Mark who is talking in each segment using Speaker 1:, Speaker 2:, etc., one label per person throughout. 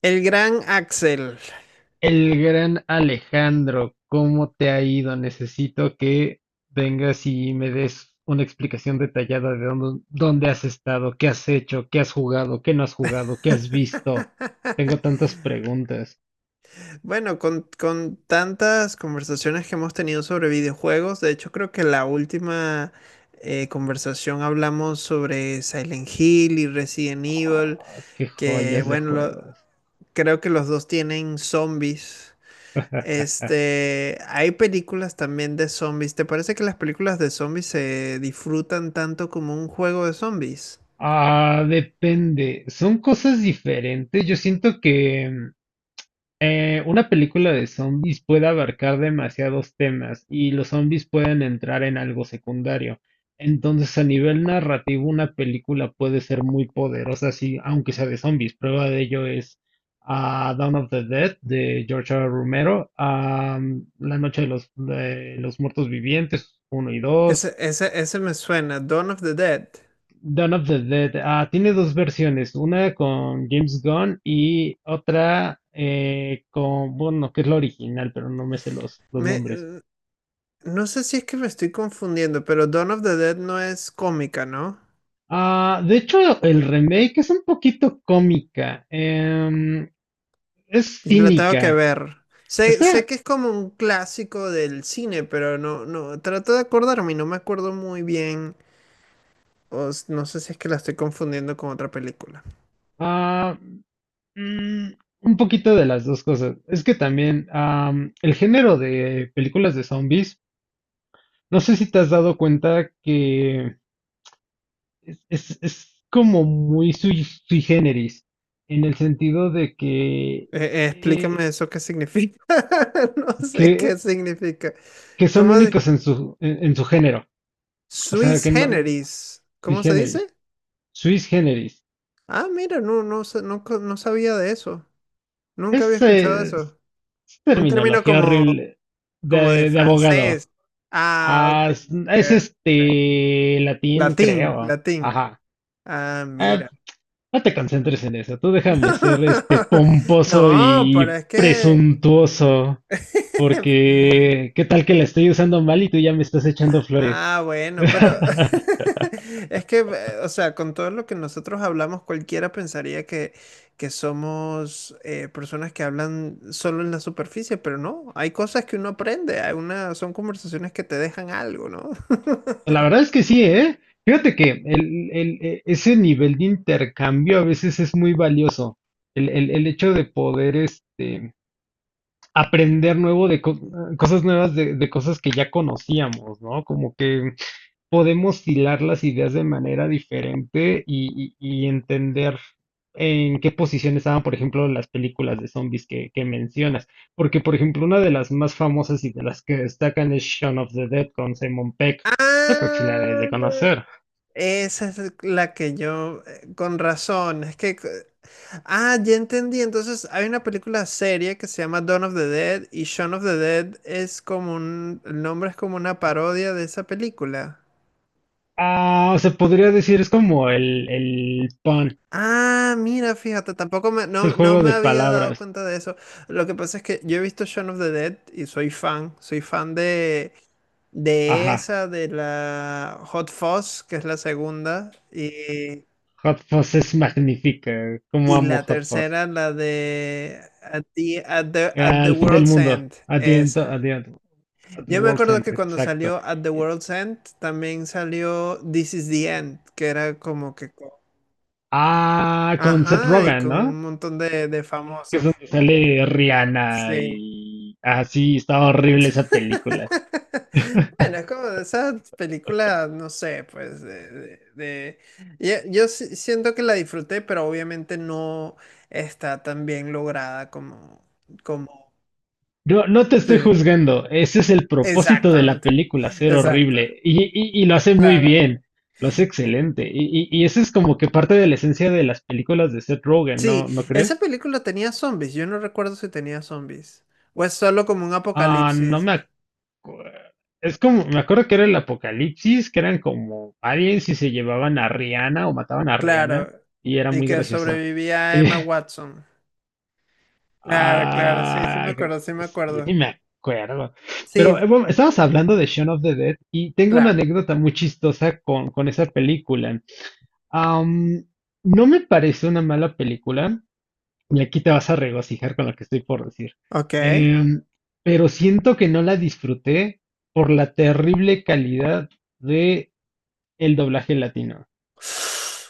Speaker 1: El gran Axel.
Speaker 2: El gran Alejandro, ¿cómo te ha ido? Necesito que vengas y me des una explicación detallada de dónde has estado, qué has hecho, qué has jugado, qué no has jugado, qué has visto. Tengo tantas preguntas.
Speaker 1: Bueno, con tantas conversaciones que hemos tenido sobre videojuegos, de hecho creo que la última conversación hablamos sobre Silent Hill y Resident Evil,
Speaker 2: Ah, qué
Speaker 1: que
Speaker 2: joyas de
Speaker 1: bueno,
Speaker 2: juegos.
Speaker 1: creo que los dos tienen zombies. Este, hay películas también de zombies. ¿Te parece que las películas de zombies se disfrutan tanto como un juego de zombies?
Speaker 2: Ah, depende. Son cosas diferentes. Yo siento que una película de zombies puede abarcar demasiados temas y los zombies pueden entrar en algo secundario. Entonces, a nivel narrativo, una película puede ser muy poderosa, sí, aunque sea de zombies. Prueba de ello es Dawn of the Dead de George R. R. Romero, La Noche de los Muertos Vivientes uno y 2.
Speaker 1: Ese me suena, Dawn of the Dead.
Speaker 2: Dawn of the Dead. Ah, tiene dos versiones, una con James Gunn y otra con, bueno, que es la original, pero no me sé los
Speaker 1: Me,
Speaker 2: nombres.
Speaker 1: eh, no sé si es que me estoy confundiendo, pero Dawn of the Dead no es cómica, ¿no?
Speaker 2: Ah, de hecho, el remake es un poquito cómica, es
Speaker 1: Yo la tengo que
Speaker 2: cínica.
Speaker 1: ver. Sé
Speaker 2: Está
Speaker 1: que es como un clásico del cine, pero no, no, trato de acordarme y no me acuerdo muy bien. No sé si es que la estoy confundiendo con otra película.
Speaker 2: ah, mm, un poquito de las dos cosas. Es que también el género de películas de zombies, no sé si te has dado cuenta que es como muy sui generis, en el sentido de que, eh,
Speaker 1: Explícame eso qué significa. No sé qué
Speaker 2: que,
Speaker 1: significa.
Speaker 2: que son
Speaker 1: ¿Cómo se-
Speaker 2: únicos en su género. O sea,
Speaker 1: Swiss
Speaker 2: que no,
Speaker 1: generis.
Speaker 2: sui
Speaker 1: ¿Cómo se dice?
Speaker 2: generis, suis generis.
Speaker 1: Ah, mira, no sabía de eso. Nunca había escuchado
Speaker 2: Es
Speaker 1: eso. Un término
Speaker 2: terminología
Speaker 1: como,
Speaker 2: horrible
Speaker 1: como de
Speaker 2: de abogado.
Speaker 1: francés. Ah, ok.
Speaker 2: Ah, es
Speaker 1: ok, ok.
Speaker 2: este latín,
Speaker 1: Latín,
Speaker 2: creo.
Speaker 1: latín.
Speaker 2: Ajá.
Speaker 1: Ah,
Speaker 2: Ah,
Speaker 1: mira.
Speaker 2: no te concentres en eso. Tú déjame ser este pomposo
Speaker 1: No, pero
Speaker 2: y
Speaker 1: es que,
Speaker 2: presuntuoso. Porque, ¿qué tal que la estoy usando mal y tú ya me estás echando flores?
Speaker 1: Ah, bueno, pero es que, o sea, con todo lo que nosotros hablamos, cualquiera pensaría que somos personas que hablan solo en la superficie, pero no, hay cosas que uno aprende, hay una, son conversaciones que te dejan algo, ¿no?
Speaker 2: La verdad es que sí, ¿eh? Fíjate que ese nivel de intercambio a veces es muy valioso. El hecho de poder este, aprender nuevo de co- cosas nuevas de cosas que ya conocíamos, ¿no? Como que podemos hilar las ideas de manera diferente y entender en qué posición estaban, por ejemplo, las películas de zombies que mencionas. Porque, por ejemplo, una de las más famosas y de las que destacan es Shaun of the Dead con Simon Peck. Yo creo que sí la debes
Speaker 1: Ah,
Speaker 2: de conocer.
Speaker 1: esa es la que yo, con razón, es que ah, ya entendí. Entonces, hay una película seria que se llama Dawn of the Dead y Shaun of the Dead es como un, el nombre es como una parodia de esa película.
Speaker 2: Ah, se podría decir, es como el pun,
Speaker 1: Ah, mira, fíjate, tampoco me,
Speaker 2: es el
Speaker 1: no, no
Speaker 2: juego
Speaker 1: me
Speaker 2: de
Speaker 1: había dado
Speaker 2: palabras.
Speaker 1: cuenta de eso. Lo que pasa es que yo he visto Shaun of the Dead y soy fan de
Speaker 2: Ajá,
Speaker 1: esa, de la Hot Fuzz, que es la segunda,
Speaker 2: Hot Fuzz es magnífica, como
Speaker 1: y
Speaker 2: amo
Speaker 1: la
Speaker 2: Hot Fuzz.
Speaker 1: tercera, la de At the
Speaker 2: Al fin del
Speaker 1: World's
Speaker 2: mundo,
Speaker 1: End, esa.
Speaker 2: at the
Speaker 1: Yo me
Speaker 2: world's
Speaker 1: acuerdo
Speaker 2: end,
Speaker 1: que cuando
Speaker 2: exacto.
Speaker 1: salió At the World's End, también salió This is the End, que era como que...
Speaker 2: Ah, con Seth
Speaker 1: Ajá, y
Speaker 2: Rogen,
Speaker 1: con
Speaker 2: ¿no?
Speaker 1: un montón de
Speaker 2: Que es
Speaker 1: famosos.
Speaker 2: donde sale Rihanna
Speaker 1: Sí.
Speaker 2: y así, está horrible esa película.
Speaker 1: Bueno, es como de esas películas, no sé, pues de... yo, sí siento que la disfruté, pero obviamente no está tan bien lograda como... como...
Speaker 2: No, no te estoy
Speaker 1: Sí,
Speaker 2: juzgando, ese es el propósito de la
Speaker 1: exactamente.
Speaker 2: película, ser
Speaker 1: Exacto.
Speaker 2: horrible. Y lo hace muy
Speaker 1: Claro.
Speaker 2: bien, lo hace excelente. Y ese es como que parte de la esencia de las películas de Seth Rogen, ¿no,
Speaker 1: Sí,
Speaker 2: no
Speaker 1: esa
Speaker 2: crees?
Speaker 1: película tenía zombies. Yo no recuerdo si tenía zombies. O es solo como un
Speaker 2: Ah, no
Speaker 1: apocalipsis.
Speaker 2: me acuerdo. Es como, me acuerdo que era el apocalipsis, que eran como aliens y se llevaban a Rihanna o mataban a Rihanna
Speaker 1: Claro.
Speaker 2: y era
Speaker 1: Y
Speaker 2: muy
Speaker 1: que
Speaker 2: gracioso.
Speaker 1: sobrevivía Emma Watson. Claro, claro.
Speaker 2: Ah,
Speaker 1: Sí me
Speaker 2: yo ni
Speaker 1: acuerdo.
Speaker 2: me acuerdo. Pero
Speaker 1: Sí,
Speaker 2: bueno, estabas hablando de Shaun of the Dead y tengo una
Speaker 1: claro.
Speaker 2: anécdota muy chistosa con esa película. Am, no me parece una mala película, y aquí te vas a regocijar con lo que estoy por decir.
Speaker 1: Ok.
Speaker 2: Em, pero siento que no la disfruté por la terrible calidad de el doblaje latino.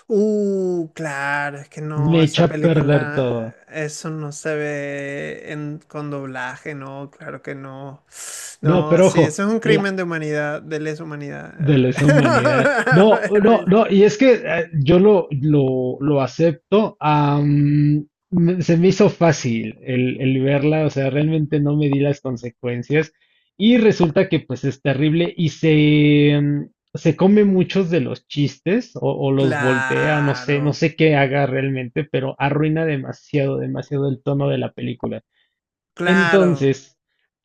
Speaker 1: Claro. Es que
Speaker 2: Me
Speaker 1: no,
Speaker 2: echa
Speaker 1: esa
Speaker 2: a perder todo.
Speaker 1: película, eso no se ve en, con doblaje, no, claro que no.
Speaker 2: No,
Speaker 1: No,
Speaker 2: pero
Speaker 1: sí,
Speaker 2: ojo,
Speaker 1: eso es un crimen de humanidad, de lesa humanidad.
Speaker 2: de lesa humanidad. No,
Speaker 1: Haber
Speaker 2: no, no,
Speaker 1: visto.
Speaker 2: y es que yo lo acepto. Se me hizo fácil el verla, o sea, realmente no me di las consecuencias. Y resulta que pues es terrible y se, se come muchos de los chistes o los voltea, no sé, no
Speaker 1: Claro,
Speaker 2: sé qué haga realmente, pero arruina demasiado, demasiado el tono de la película.
Speaker 1: claro,
Speaker 2: Entonces,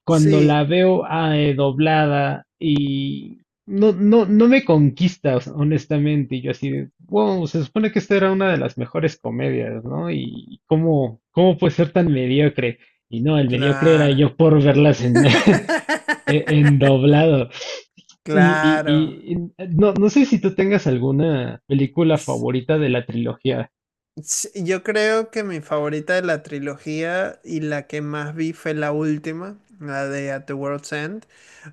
Speaker 2: cuando la
Speaker 1: sí,
Speaker 2: veo doblada y no, no, no me conquista, o sea, honestamente, y yo así de, wow, se supone que esta era una de las mejores comedias, ¿no? Y cómo, cómo puede ser tan mediocre. Y no, el mediocre era
Speaker 1: claro.
Speaker 2: yo por verlas en, en doblado. Y, y-
Speaker 1: Claro.
Speaker 2: y- y no, no sé si tú tengas alguna película
Speaker 1: S-
Speaker 2: favorita de la trilogía.
Speaker 1: Yo creo que mi favorita de la trilogía y la que más vi fue la última, la de At the World's End,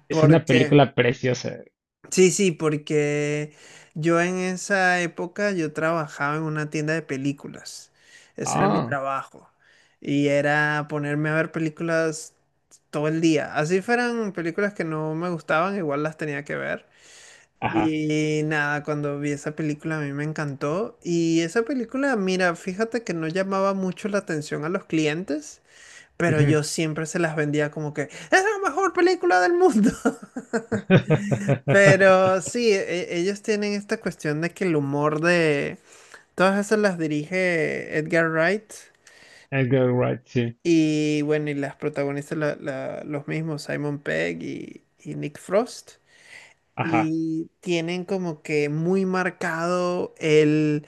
Speaker 2: Es una
Speaker 1: porque
Speaker 2: película preciosa.
Speaker 1: sí, sí, porque yo en esa época yo trabajaba en una tienda de películas. Ese era mi
Speaker 2: Ah,
Speaker 1: trabajo. Y era ponerme a ver películas todo el día. Así fueran películas que no me gustaban, igual las tenía que ver.
Speaker 2: ajá.
Speaker 1: Y nada, cuando vi esa película a mí me encantó. Y esa película, mira, fíjate que no llamaba mucho la atención a los clientes, pero
Speaker 2: Ujú.
Speaker 1: yo siempre se las vendía como que es la mejor película del mundo. Pero sí, ellos tienen esta cuestión de que el humor de... Todas esas las dirige Edgar Wright
Speaker 2: Edgar Wright, sí.
Speaker 1: y bueno, y las protagonistas los mismos, Simon Pegg y Nick Frost.
Speaker 2: Ajá,
Speaker 1: Y tienen como que muy marcado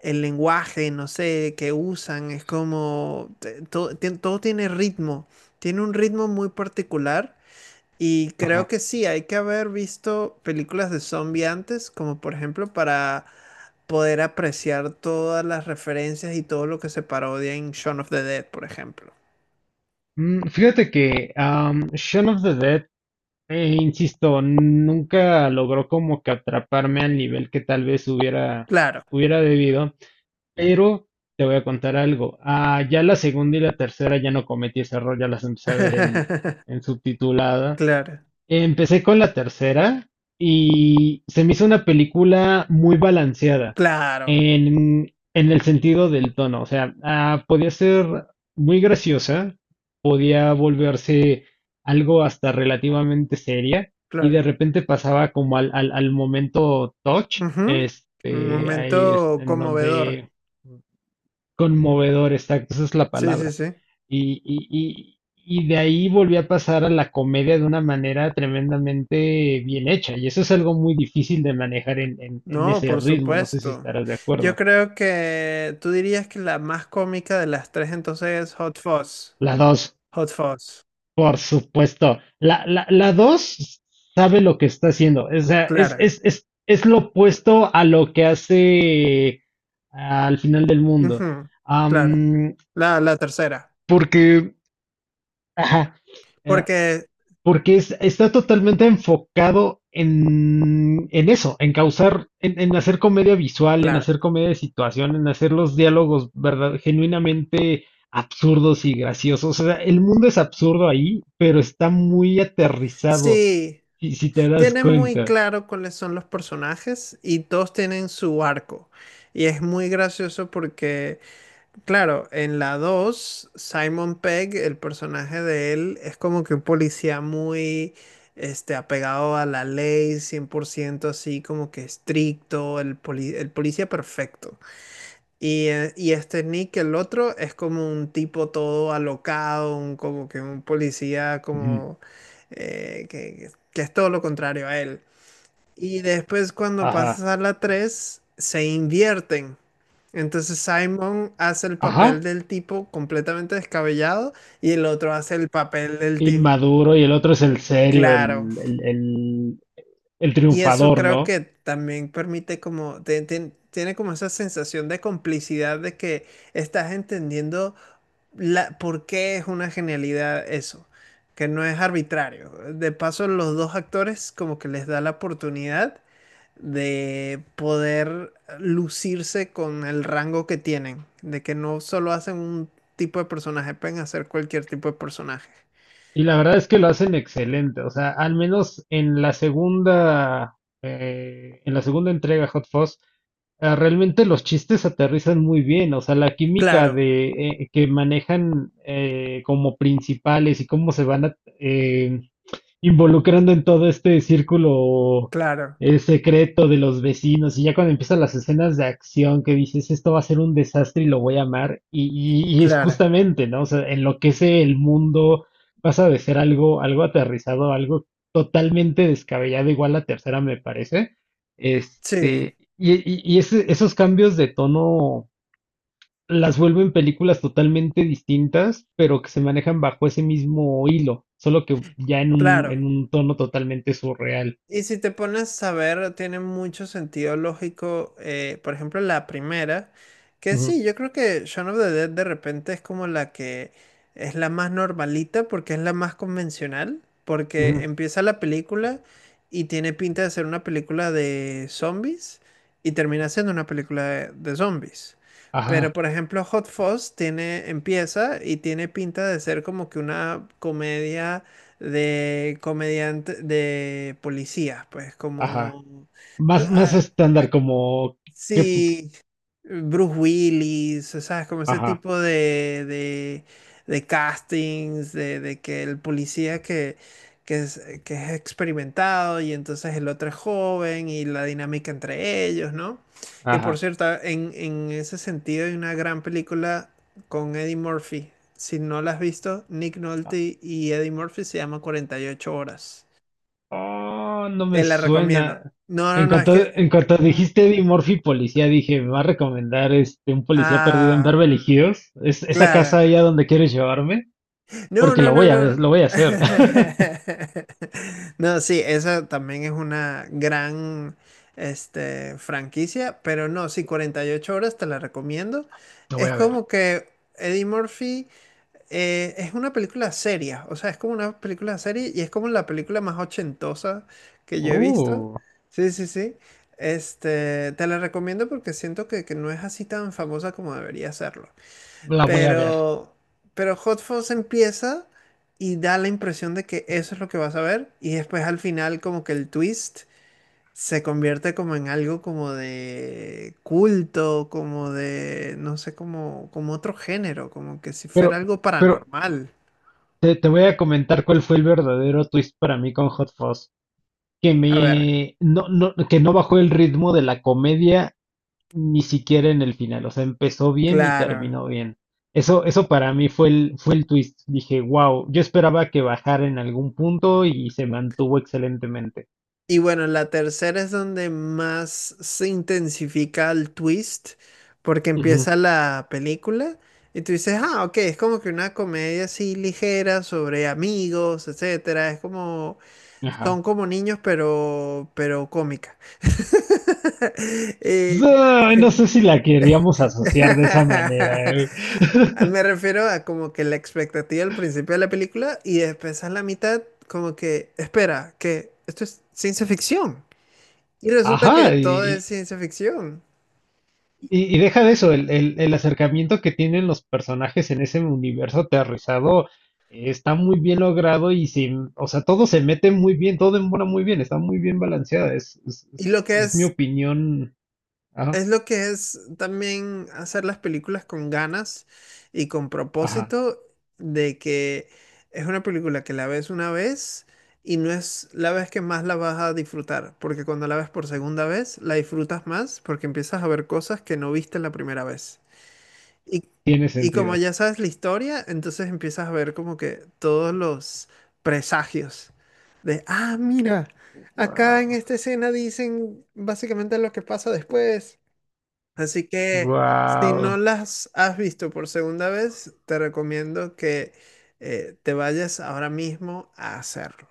Speaker 1: el lenguaje, no sé, que usan. Es como... todo, todo tiene ritmo. Tiene un ritmo muy particular. Y creo
Speaker 2: ajá.
Speaker 1: que sí, hay que haber visto películas de zombie antes, como por ejemplo para poder apreciar todas las referencias y todo lo que se parodia en Shaun of the Dead, por ejemplo.
Speaker 2: Mm, fíjate que Shaun of the Dead, insisto, nunca logró como que atraparme al nivel que tal vez hubiera,
Speaker 1: Claro.
Speaker 2: hubiera debido, pero te voy a contar algo. Ah, ya la segunda y la tercera ya no cometí ese error, ya las empecé a ver en subtitulada.
Speaker 1: Claro,
Speaker 2: Empecé con la tercera y se me hizo una película muy balanceada
Speaker 1: claro,
Speaker 2: en el sentido del tono. O sea, ah, podía ser muy graciosa, podía volverse algo hasta relativamente seria y de
Speaker 1: claro.
Speaker 2: repente pasaba como al momento touch,
Speaker 1: Ujú. Un
Speaker 2: este, ahí es
Speaker 1: momento
Speaker 2: en
Speaker 1: conmovedor.
Speaker 2: donde. Conmovedor, exacto, esa es la
Speaker 1: Sí, sí,
Speaker 2: palabra.
Speaker 1: sí.
Speaker 2: Y de ahí volví a pasar a la comedia de una manera tremendamente bien hecha. Y eso es algo muy difícil de manejar en
Speaker 1: No,
Speaker 2: ese
Speaker 1: por
Speaker 2: ritmo. No sé si
Speaker 1: supuesto.
Speaker 2: estarás de
Speaker 1: Yo
Speaker 2: acuerdo.
Speaker 1: creo que tú dirías que la más cómica de las tres entonces es Hot Fuzz.
Speaker 2: La dos,
Speaker 1: Hot Fuzz.
Speaker 2: por supuesto. La dos sabe lo que está haciendo. O sea,
Speaker 1: Claro.
Speaker 2: es lo opuesto a lo que hace al final del mundo.
Speaker 1: Ujú, claro,
Speaker 2: Am,
Speaker 1: la tercera,
Speaker 2: Porque, ajá, eh,
Speaker 1: porque,
Speaker 2: porque está totalmente enfocado en eso, en causar, en hacer comedia visual, en
Speaker 1: claro,
Speaker 2: hacer comedia de situación, en hacer los diálogos verdad, genuinamente absurdos y graciosos. O sea, el mundo es absurdo ahí, pero está muy aterrizado,
Speaker 1: sí,
Speaker 2: si te das
Speaker 1: tienen muy
Speaker 2: cuenta.
Speaker 1: claro cuáles son los personajes y todos tienen su arco. Y es muy gracioso porque, claro, en la 2 Simon Pegg, el personaje de él, es como que un policía muy, este, apegado a la ley, 100% así, como que estricto, el, el policía perfecto. Y este Nick, el otro, es como un tipo todo alocado, como que un policía
Speaker 2: Ujú.
Speaker 1: como que es todo lo contrario a él. Y después cuando
Speaker 2: Ajá,
Speaker 1: pasas a la 3 se invierten. Entonces Simon hace el papel
Speaker 2: ajá,
Speaker 1: del tipo completamente descabellado y el otro hace el papel del tipo,
Speaker 2: inmaduro y el otro es el serio,
Speaker 1: claro.
Speaker 2: el, el, el
Speaker 1: Y eso
Speaker 2: triunfador,
Speaker 1: creo
Speaker 2: ¿no?
Speaker 1: que también permite como, tiene como esa sensación de complicidad de que estás entendiendo la, ¿por qué es una genialidad eso? Que no es arbitrario. De paso, los dos actores como que les da la oportunidad de poder lucirse con el rango que tienen, de que no solo hacen un tipo de personaje, pueden hacer cualquier tipo de personaje.
Speaker 2: Y la verdad es que lo hacen excelente, o sea, al menos en la segunda entrega Hot Fuzz, ah, realmente los chistes aterrizan muy bien, o sea, la química
Speaker 1: Claro,
Speaker 2: de que manejan como principales y cómo se van a, involucrando en todo este círculo
Speaker 1: claro,
Speaker 2: secreto de los vecinos. Y ya cuando empiezan las escenas de acción que dices, esto va a ser un desastre y lo voy a amar. Y es
Speaker 1: claro.
Speaker 2: justamente, ¿no? O sea, enloquece el mundo, pasa de ser algo, algo aterrizado, algo totalmente descabellado, igual la tercera me parece.
Speaker 1: Sí,
Speaker 2: Este, y esos cambios de tono las vuelven películas totalmente distintas, pero que se manejan bajo ese mismo hilo, solo que ya en
Speaker 1: claro.
Speaker 2: un tono totalmente surreal.
Speaker 1: Y si te pones a ver, tiene mucho sentido lógico, por ejemplo, la primera, que
Speaker 2: Ujú,
Speaker 1: sí, yo creo que Shaun of the Dead de repente es como la que es la más normalita porque es la más convencional, porque
Speaker 2: ujú.
Speaker 1: empieza la película y tiene pinta de ser una película de zombies y termina siendo una película de zombies. Pero
Speaker 2: Ajá,
Speaker 1: por ejemplo, Hot Fuzz tiene, empieza y tiene pinta de ser como que una comedia de comediante, de policías, pues
Speaker 2: ajá.
Speaker 1: como... co-
Speaker 2: Más, más
Speaker 1: ah,
Speaker 2: estándar, como que,
Speaker 1: sí, Bruce Willis, o sea, como ese
Speaker 2: ajá,
Speaker 1: tipo de castings, de que el policía que es, que es experimentado y entonces el otro es joven y la dinámica entre ellos, ¿no? Que por
Speaker 2: ajá.
Speaker 1: cierto, en ese sentido hay una gran película con Eddie Murphy. Si no la has visto, Nick Nolte y Eddie Murphy se llama 48 horas.
Speaker 2: Oh, no me
Speaker 1: Te la recomiendo.
Speaker 2: suena.
Speaker 1: No, no,
Speaker 2: En
Speaker 1: no, es
Speaker 2: cuanto,
Speaker 1: que...
Speaker 2: en cuanto dijiste Eddie Murphy policía, dije, me va a recomendar este un policía perdido en
Speaker 1: Ah,
Speaker 2: Beverly Hills. ¿Es esa casa
Speaker 1: claro.
Speaker 2: allá donde quieres llevarme?
Speaker 1: No,
Speaker 2: Porque
Speaker 1: no,
Speaker 2: lo
Speaker 1: no,
Speaker 2: voy a
Speaker 1: no. No,
Speaker 2: ver, lo voy a hacer.
Speaker 1: no, sí, esa también es una gran este, franquicia, pero no, sí, 48 horas te la recomiendo.
Speaker 2: Lo voy
Speaker 1: Es
Speaker 2: a ver.
Speaker 1: como que Eddie Murphy es una película seria, o sea, es como una película seria y es como la película más ochentosa que yo he visto.
Speaker 2: Uh.
Speaker 1: Sí, sí, sí. Este, te la recomiendo porque siento que no es así tan famosa como debería serlo.
Speaker 2: La voy a ver.
Speaker 1: Pero, pero Hot Fuzz empieza y da la impresión de que eso es lo que vas a ver. Y después al final como que el twist se convierte como en algo como de culto, como de, no sé, como, como otro género, como que si fuera
Speaker 2: Pero,
Speaker 1: algo
Speaker 2: pero
Speaker 1: paranormal.
Speaker 2: te voy a comentar cuál fue el verdadero twist para mí con Hot Fuzz. Que
Speaker 1: A ver,
Speaker 2: me no, no, que no bajó el ritmo de la comedia ni siquiera en el final. O sea, empezó bien y
Speaker 1: claro.
Speaker 2: terminó bien. Eso para mí fue fue el twist. Dije, wow, yo esperaba que bajara en algún punto y se mantuvo excelentemente.
Speaker 1: Y bueno, la tercera es donde más se intensifica el twist, porque
Speaker 2: Ujú.
Speaker 1: empieza la película y tú dices, ah, ok, es como que una comedia así ligera sobre amigos, etcétera. Es como, son
Speaker 2: Ajá.
Speaker 1: como niños, pero cómica. Eh,
Speaker 2: Ay, no sé si la queríamos asociar de esa manera.
Speaker 1: me refiero a como que la expectativa al principio de la película y después a la mitad, como que, espera, que esto es ciencia ficción. Y resulta que
Speaker 2: Ajá,
Speaker 1: todo es
Speaker 2: y,
Speaker 1: ciencia ficción.
Speaker 2: Y deja de eso, el acercamiento que tienen los personajes en ese universo aterrizado está muy bien logrado y sin, o sea, todo se mete muy bien, todo embona muy bien, está muy bien balanceada,
Speaker 1: Y lo que
Speaker 2: es mi
Speaker 1: es,
Speaker 2: opinión. Ajá,
Speaker 1: es lo que es también hacer las películas con ganas y con
Speaker 2: ajá,
Speaker 1: propósito de que es una película que la ves una vez y no es la vez que más la vas a disfrutar, porque cuando la ves por segunda vez, la disfrutas más porque empiezas a ver cosas que no viste la primera vez. Y,
Speaker 2: tiene
Speaker 1: y como
Speaker 2: sentido.
Speaker 1: ya sabes la historia, entonces empiezas a ver como que todos los presagios de, ah, mira, acá en
Speaker 2: Wow,
Speaker 1: esta escena dicen básicamente lo que pasa después. Así que si
Speaker 2: wow.
Speaker 1: no las has visto por segunda vez, te recomiendo que te vayas ahora mismo a hacerlo.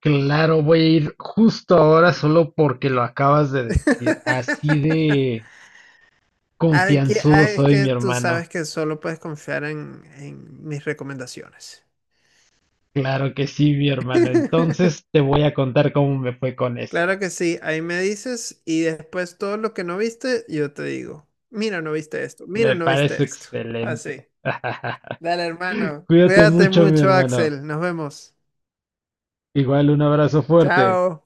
Speaker 2: Claro, voy a ir justo ahora solo porque lo acabas de decir. Así de confianzudo
Speaker 1: Ah, es
Speaker 2: soy, mi
Speaker 1: que tú
Speaker 2: hermano.
Speaker 1: sabes que solo puedes confiar en mis recomendaciones.
Speaker 2: Claro que sí, mi hermano. Entonces te voy a contar cómo me fue con eso.
Speaker 1: Claro que sí, ahí me dices y después todo lo que no viste, yo te digo, mira, no viste esto, mira,
Speaker 2: Me
Speaker 1: no viste
Speaker 2: parece
Speaker 1: esto. Así.
Speaker 2: excelente.
Speaker 1: Dale, hermano.
Speaker 2: Cuídate
Speaker 1: Cuídate
Speaker 2: mucho, mi
Speaker 1: mucho,
Speaker 2: hermano.
Speaker 1: Axel. Nos vemos.
Speaker 2: Igual un abrazo fuerte.
Speaker 1: Chao.